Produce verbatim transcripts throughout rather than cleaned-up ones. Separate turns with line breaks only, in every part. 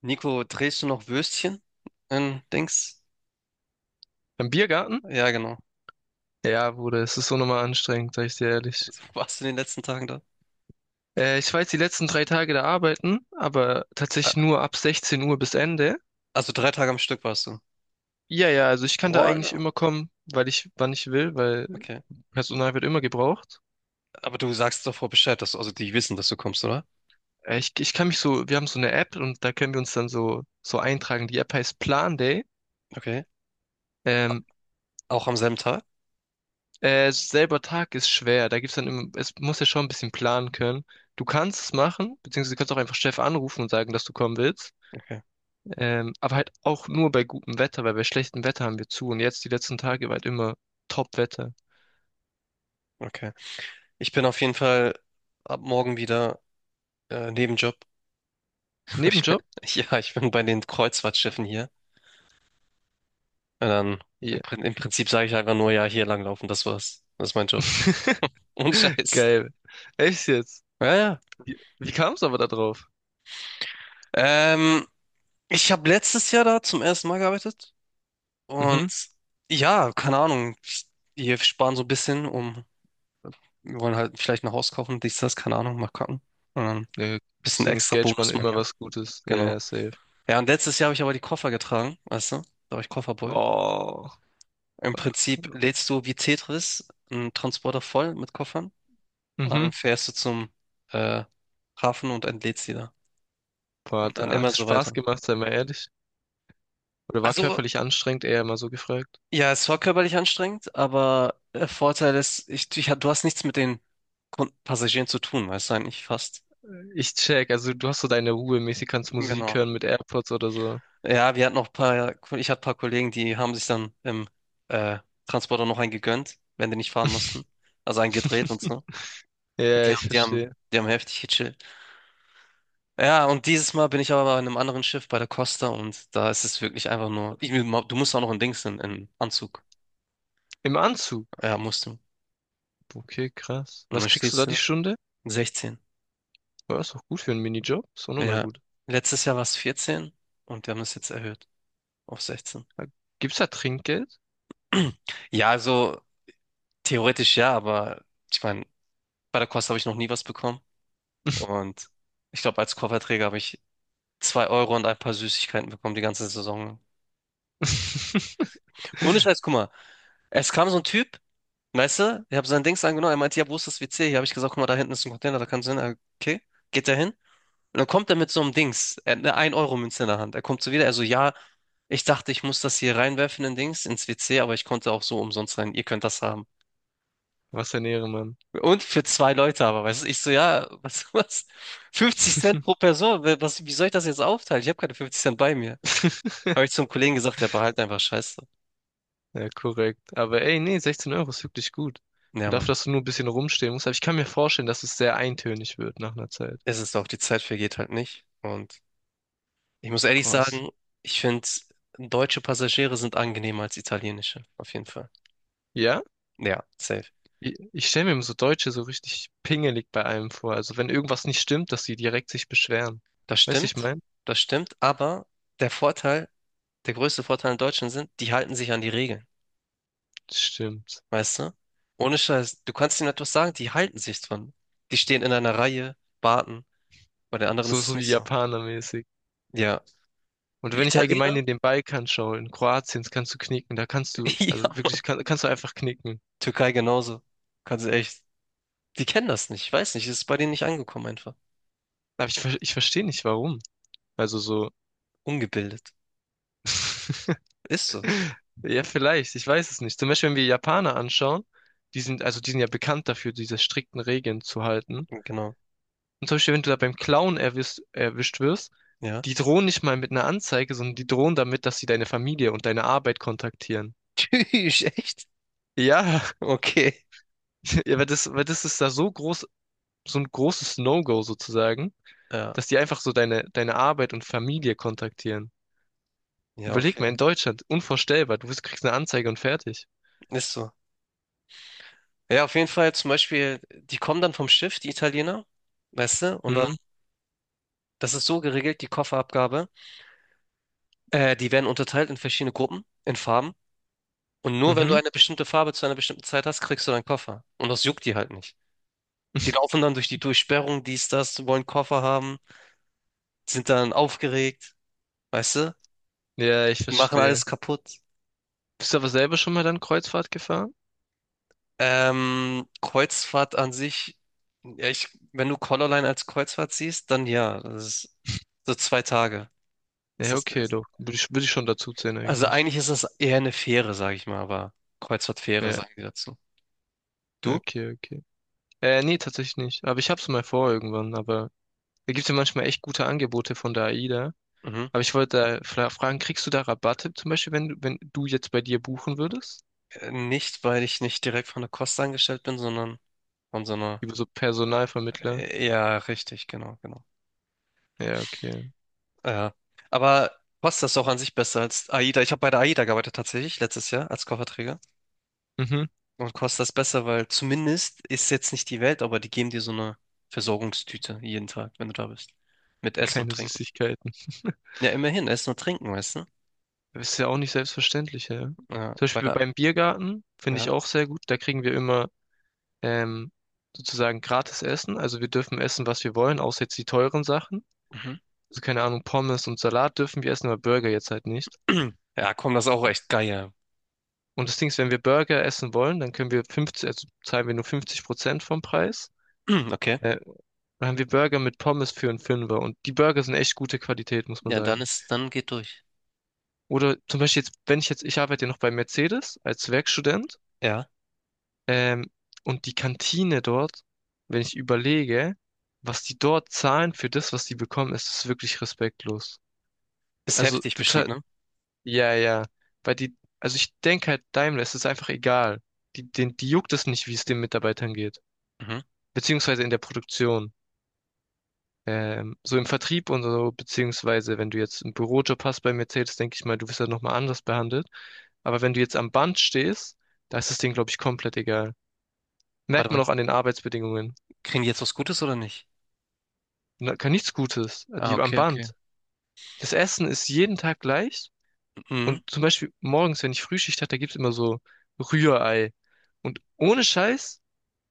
Nico, drehst du noch Würstchen in Dings?
Im Biergarten?
Ja, genau.
Ja, Bruder, es ist so nochmal anstrengend, sag ich dir ehrlich.
Also, warst du in den letzten Tagen da?
Äh, ich war jetzt die letzten drei Tage da arbeiten, aber
Ah.
tatsächlich nur ab 16 Uhr bis Ende.
Also drei Tage am Stück warst du.
Ja, ja, also ich kann da eigentlich
Wow,
immer kommen, weil ich, wann ich will, weil
okay.
Personal wird immer gebraucht.
Aber du sagst doch vorher Bescheid, dass du, also die wissen, dass du kommst, oder?
Äh, ich, ich kann mich so, wir haben so eine App und da können wir uns dann so, so eintragen. Die App heißt Plan Day.
Okay.
Ähm,
Auch am selben Tag?
äh, selber Tag ist schwer, da gibt's dann immer, es muss ja schon ein bisschen planen können. Du kannst es machen, beziehungsweise du kannst auch einfach Chef anrufen und sagen, dass du kommen willst.
Okay,
Ähm, aber halt auch nur bei gutem Wetter, weil bei schlechtem Wetter haben wir zu. Und jetzt die letzten Tage war halt immer Top-Wetter.
okay. Ich bin auf jeden Fall ab morgen wieder äh, Nebenjob. Ich bin-
Nebenjob?
Ja, ich bin bei den Kreuzfahrtschiffen hier. Und dann im,
Ja.
Prin- im Prinzip sage ich einfach nur, ja, hier langlaufen, das war's. Das ist mein Job. Ohne Scheiß.
Geil. Echt jetzt?
Ja, ja.
Wie, wie kam es aber da drauf?
Ähm, Ich habe letztes Jahr da zum ersten Mal gearbeitet und
Mhm.
ja, keine Ahnung, wir sparen so ein bisschen, um, wir wollen halt vielleicht ein Haus kaufen, dies, das, keine Ahnung, mal gucken. Und dann ein
Ja, das
bisschen
Ding ist,
extra
Geld sparen
Bonus man
immer
ja,
was Gutes. Ja,
genau.
ja, safe.
Ja, und letztes Jahr habe ich aber die Koffer getragen, weißt du, da war ich Kofferboy.
Oh.
Im Prinzip lädst du wie Tetris einen Transporter voll mit Koffern und dann
Mhm.
fährst du zum äh, Hafen und entlädst sie da.
Boah,
Und dann
da hat
immer
es
so
Spaß
weiter.
gemacht, sei mal ehrlich. Oder war
Also,
körperlich anstrengend, eher immer so gefragt.
ja, es war körperlich anstrengend, aber der Vorteil ist, ich, ich, du hast nichts mit den Kun- Passagieren zu tun, weißt du eigentlich fast.
Ich check, also du hast so deine Ruhe mäßig, kannst Musik
Genau.
hören mit AirPods oder so.
Ja, wir hatten noch ein paar, ich hatte ein paar Kollegen, die haben sich dann im äh, Transporter noch einen gegönnt, wenn die nicht fahren mussten. Also einen gedreht und so.
Ja,
Die
ich
haben, die haben,
verstehe.
die haben heftig gechillt. Ja, und dieses Mal bin ich aber in einem anderen Schiff bei der Costa und da ist es wirklich einfach nur, ich, du musst auch noch in Dings in, in Anzug.
Im Anzug.
Ja, musst du.
Okay, krass.
Und dann
Was kriegst du da
stehst du
die
da.
Stunde?
sechzehn.
Ja, ist doch gut für einen Minijob. Ist auch nochmal
Ja,
gut.
letztes Jahr war es vierzehn und wir haben es jetzt erhöht auf sechzehn.
Ah, gibt's da Trinkgeld?
Ja, also theoretisch ja, aber ich meine, bei der Kost habe ich noch nie was bekommen. Und ich glaube, als Kofferträger habe ich zwei Euro und ein paar Süßigkeiten bekommen die ganze Saison. lang. Ohne Scheiß, guck mal, es kam so ein Typ, weißt du, ich habe sein Dings angenommen, er meinte, ja, wo ist das WC? Hier habe ich gesagt, guck mal, da hinten ist ein Container, da kannst du hin. Er, Okay, geht er hin? Und dann kommt er mit so einem Dings, er hat eine ein Euro Münze in der Hand. Er kommt so wieder, er so, ja, ich dachte, ich muss das hier reinwerfen in Dings, ins WC, aber ich konnte auch so umsonst rein, ihr könnt das haben.
Was ein Ehrenmann.
Und für zwei Leute aber, weißt du, ich so, ja, was, was, fünfzig Cent pro Person, wer- was, wie soll ich das jetzt aufteilen? Ich habe keine fünfzig Cent bei mir. Habe ich zum Kollegen gesagt, ja, behalt einfach. Scheiße.
Ja, korrekt. Aber ey, nee, sechzehn Euro ist wirklich gut.
Ja,
Und dafür,
Mann,
dass du nur ein bisschen rumstehen musst. Aber ich kann mir vorstellen, dass es sehr eintönig wird nach einer Zeit.
es ist auch, die Zeit vergeht halt nicht. Und ich muss ehrlich
Boah,
sagen, ich finde, deutsche Passagiere sind angenehmer als italienische, auf jeden Fall.
ja?
Ja, safe.
Ich, ich stelle mir immer so Deutsche so richtig pingelig bei allem vor. Also wenn irgendwas nicht stimmt, dass sie direkt sich beschweren.
Das
Weißt du, ich
stimmt,
mein?
das stimmt, aber der Vorteil, der größte Vorteil in Deutschland sind, die halten sich an die Regeln,
Stimmt.
weißt du? Ohne Scheiß, du kannst ihnen etwas sagen, die halten sich dran. Die stehen in einer Reihe, warten, bei den anderen
So,
ist es
so wie
nicht so.
Japaner.
Ja,
Und
die
wenn ich allgemein
Italiener,
in den Balkan schaue, in Kroatien, das kannst du knicken, da kannst du,
ja,
also wirklich, kann, kannst du einfach knicken.
Türkei genauso, kannst du echt, die kennen das nicht, ich weiß nicht, es ist bei denen nicht angekommen einfach.
Aber ich, ver- ich verstehe nicht, warum. Also so,
Ungebildet, ist so,
ja, vielleicht, ich weiß es nicht. Zum Beispiel, wenn wir Japaner anschauen, die sind, also die sind ja bekannt dafür, diese strikten Regeln zu halten.
genau,
Und zum Beispiel, wenn du da beim Klauen erwischt, erwischt wirst,
ja.
die drohen nicht mal mit einer Anzeige, sondern die drohen damit, dass sie deine Familie und deine Arbeit kontaktieren.
Tschüss, echt?
Ja,
Okay,
ja, weil das, weil das ist da so groß, so ein großes No-Go sozusagen,
ja,
dass die einfach so deine, deine Arbeit und Familie kontaktieren.
ja,
Überleg mal,
okay,
in Deutschland, unvorstellbar. Du bist, kriegst eine Anzeige und fertig.
ist so. Ja, auf jeden Fall zum Beispiel, die kommen dann vom Schiff, die Italiener, weißt du, und dann,
Hm?
das ist so geregelt, die Kofferabgabe, äh, die werden unterteilt in verschiedene Gruppen, in Farben, und nur wenn du
Mhm.
eine bestimmte Farbe zu einer bestimmten Zeit hast, kriegst du deinen Koffer. Und das juckt die halt nicht. Die laufen dann durch die Durchsperrung, dies, das, wollen Koffer haben, sind dann aufgeregt, weißt du,
Ja, ich
machen alles
verstehe.
kaputt.
Bist du aber selber schon mal dann Kreuzfahrt gefahren?
Ähm, Kreuzfahrt an sich, ja, ich, wenn du Colorline als Kreuzfahrt siehst, dann ja, das ist so zwei Tage ist
Ja,
das
okay,
gewesen.
doch. Würde ich, würde ich schon dazu zählen
Also
eigentlich.
eigentlich ist das eher eine Fähre, sage ich mal, aber Kreuzfahrtfähre
Ja,
sagen die dazu. Du?
okay, okay. Äh, nee, tatsächlich nicht. Aber ich hab's mal vor irgendwann, aber da gibt's ja manchmal echt gute Angebote von der AIDA.
Mhm.
Aber ich wollte da fra- fragen, kriegst du da Rabatte zum Beispiel, wenn, du- wenn du jetzt bei dir buchen würdest?
Äh, Nicht, weil ich nicht direkt von der Kost angestellt bin, sondern von so einer.
Über so Personalvermittler?
äh, Ja, richtig, genau, genau.
Ja, okay.
Ja. Aber Costa ist auch an sich besser als AIDA. Ich habe bei der AIDA gearbeitet tatsächlich letztes Jahr als Kofferträger.
Mhm.
Und Costa ist besser, weil zumindest ist jetzt nicht die Welt, aber die geben dir so eine Versorgungstüte jeden Tag, wenn du da bist. Mit Essen und
Kleine
Trinken.
Süßigkeiten.
Ja, immerhin, Essen und Trinken, weißt du?
Das ist ja auch nicht selbstverständlich, ja. Zum
Ja, bei
Beispiel
der,
beim Biergarten finde
ja.
ich auch sehr gut. Da kriegen wir immer ähm, sozusagen gratis Essen. Also wir dürfen essen, was wir wollen, außer jetzt die teuren Sachen.
Mhm.
Also keine Ahnung, Pommes und Salat dürfen wir essen, aber Burger jetzt halt nicht.
Ja, komm, das ist auch echt geil.
Und das Ding ist, wenn wir Burger essen wollen, dann können wir fünfzig, also zahlen wir nur fünfzig Prozent vom Preis.
ja. Okay.
Äh, dann haben wir Burger mit Pommes für einen Fünfer. Und die Burger sind echt gute Qualität, muss man
Ja, dann
sagen.
ist, dann geht durch.
Oder zum Beispiel jetzt, wenn ich jetzt, ich arbeite ja noch bei Mercedes als Werkstudent.
Ja.
Ähm, und die Kantine dort, wenn ich überlege, was die dort zahlen für das, was die bekommen, ist es wirklich respektlos.
Ist
Also
heftig
du
bestimmt,
zahlst,
ne?
ja, ja, weil die, also ich denke halt, Daimler, es ist einfach egal. Die, den, die juckt es nicht, wie es den Mitarbeitern geht.
Mhm.
Beziehungsweise in der Produktion. Ähm, so im Vertrieb und so, beziehungsweise wenn du jetzt einen Bürojob hast bei Mercedes, denke ich mal, du wirst halt nochmal anders behandelt. Aber wenn du jetzt am Band stehst, da ist das Ding, glaube ich, komplett egal. Merkt
Warte
man
mal,
auch an den Arbeitsbedingungen.
kriegen die jetzt was Gutes oder nicht?
Na, kann nichts Gutes, äh,
Ah,
die am
okay, okay.
Band. Das Essen ist jeden Tag gleich.
Mhm.
Und zum Beispiel morgens, wenn ich Frühschicht hatte, da gibt's immer so Rührei. Und ohne Scheiß,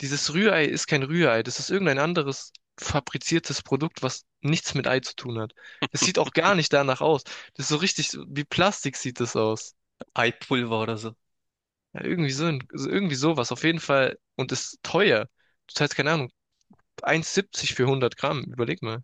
dieses Rührei ist kein Rührei. Das ist irgendein anderes fabriziertes Produkt, was nichts mit Ei zu tun hat. Das sieht auch gar nicht danach aus. Das ist so richtig, so- wie Plastik sieht das aus.
Eipulver oder so.
Ja, irgendwie so, ein- so- irgendwie sowas, auf jeden Fall. Und ist teuer. Du zahlst, keine Ahnung, ein Euro siebzig für hundert Gramm. Überleg mal.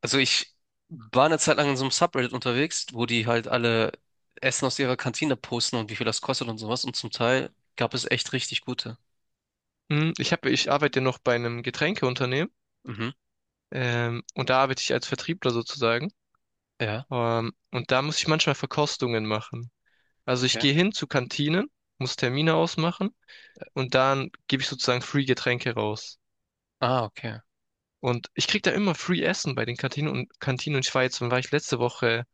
Also ich war eine Zeit lang in so einem Subreddit unterwegs, wo die halt alle Essen aus ihrer Kantine posten und wie viel das kostet und sowas. Und zum Teil gab es echt richtig gute.
Hm, Ich hab, ich arbeite ja noch bei einem Getränkeunternehmen.
Mhm.
Ähm, und da arbeite ich als Vertriebler sozusagen.
Ja,
Ähm, und da muss ich manchmal Verkostungen machen. Also ich
okay.
gehe hin zu Kantinen, muss Termine ausmachen und dann gebe ich sozusagen Free Getränke raus.
Ah, okay.
Und ich krieg da immer Free Essen bei den Kantinen und Kantinen und ich war jetzt, wann war ich letzte Woche,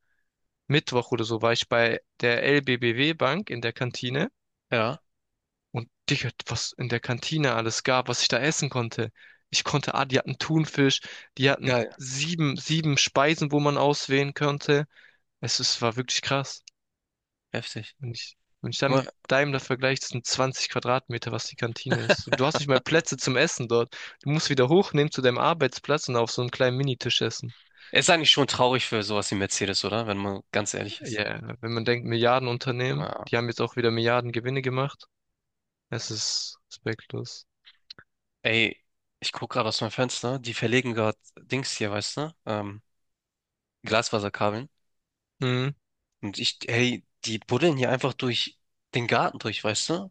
Mittwoch oder so, war ich bei der L B B W Bank in der Kantine
Ja.
und Digga, was in der Kantine alles gab, was ich da essen konnte. Ich konnte, ah, die hatten Thunfisch, die hatten
Geil.
sieben, sieben Speisen, wo man auswählen konnte. Es ist, war wirklich krass.
Heftig.
Und ich, und ich
Guck
dann mit
mal,
deinem da vergleiche, das sind zwanzig Quadratmeter, was die Kantine ist. Du hast nicht mal Plätze zum Essen dort. Du musst wieder hochnehmen zu deinem Arbeitsplatz und auf so einem kleinen Minitisch essen.
ist eigentlich schon traurig für sowas wie Mercedes, oder? Wenn man ganz ehrlich ist.
Ja, wenn man denkt, Milliardenunternehmen, die
Ja.
haben jetzt auch wieder Milliarden Gewinne gemacht. Es ist respektlos.
Ey, ich guck gerade aus meinem Fenster, die verlegen gerade Dings hier, weißt du? Ähm, Glasfaserkabeln.
Mhm.
Und ich, hey, die buddeln hier einfach durch den Garten durch, weißt du?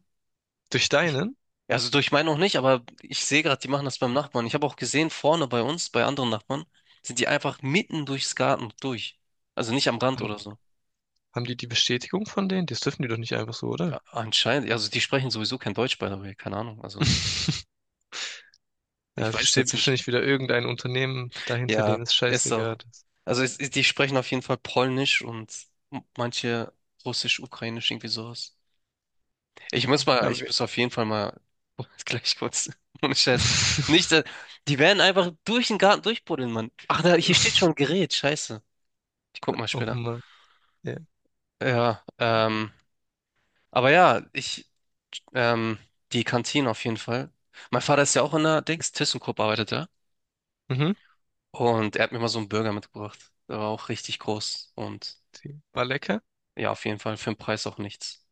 Durch
Ich,
deinen?
also durch meinen auch nicht, aber ich sehe gerade, die machen das beim Nachbarn. Ich habe auch gesehen, vorne bei uns, bei anderen Nachbarn, sind die einfach mitten durchs Garten durch. Also nicht am Rand
Haben,
oder so.
haben die die Bestätigung von denen? Das dürfen die doch nicht einfach so, oder?
Ja, anscheinend, also die sprechen sowieso kein Deutsch, by the way, keine Ahnung. Also
Ja,
ich
es
weiß
steht
jetzt nicht.
wahrscheinlich wieder irgendein Unternehmen dahinter,
Ja,
denen es
ist so.
scheißegal ist.
Also es, die sprechen auf jeden Fall Polnisch und manche Russisch, Ukrainisch, irgendwie sowas. Ich muss mal,
Aber
ich
wir-
muss auf jeden Fall mal gleich kurz. Ohne Scheiß. Nicht, dass- die werden einfach durch den Garten durchbuddeln, Mann. Ach, da, hier steht schon ein Gerät, scheiße. Ich guck mal
Oh
später.
Mann. Ja.
Ja, ähm, aber ja, ich, ähm, die Kantine auf jeden Fall. Mein Vater ist ja auch in der Dings, ThyssenKrupp arbeitet er.
Mhm.
Und er hat mir mal so einen Burger mitgebracht. Der war auch richtig groß. Und
Die war lecker.
ja, auf jeden Fall für den Preis auch nichts.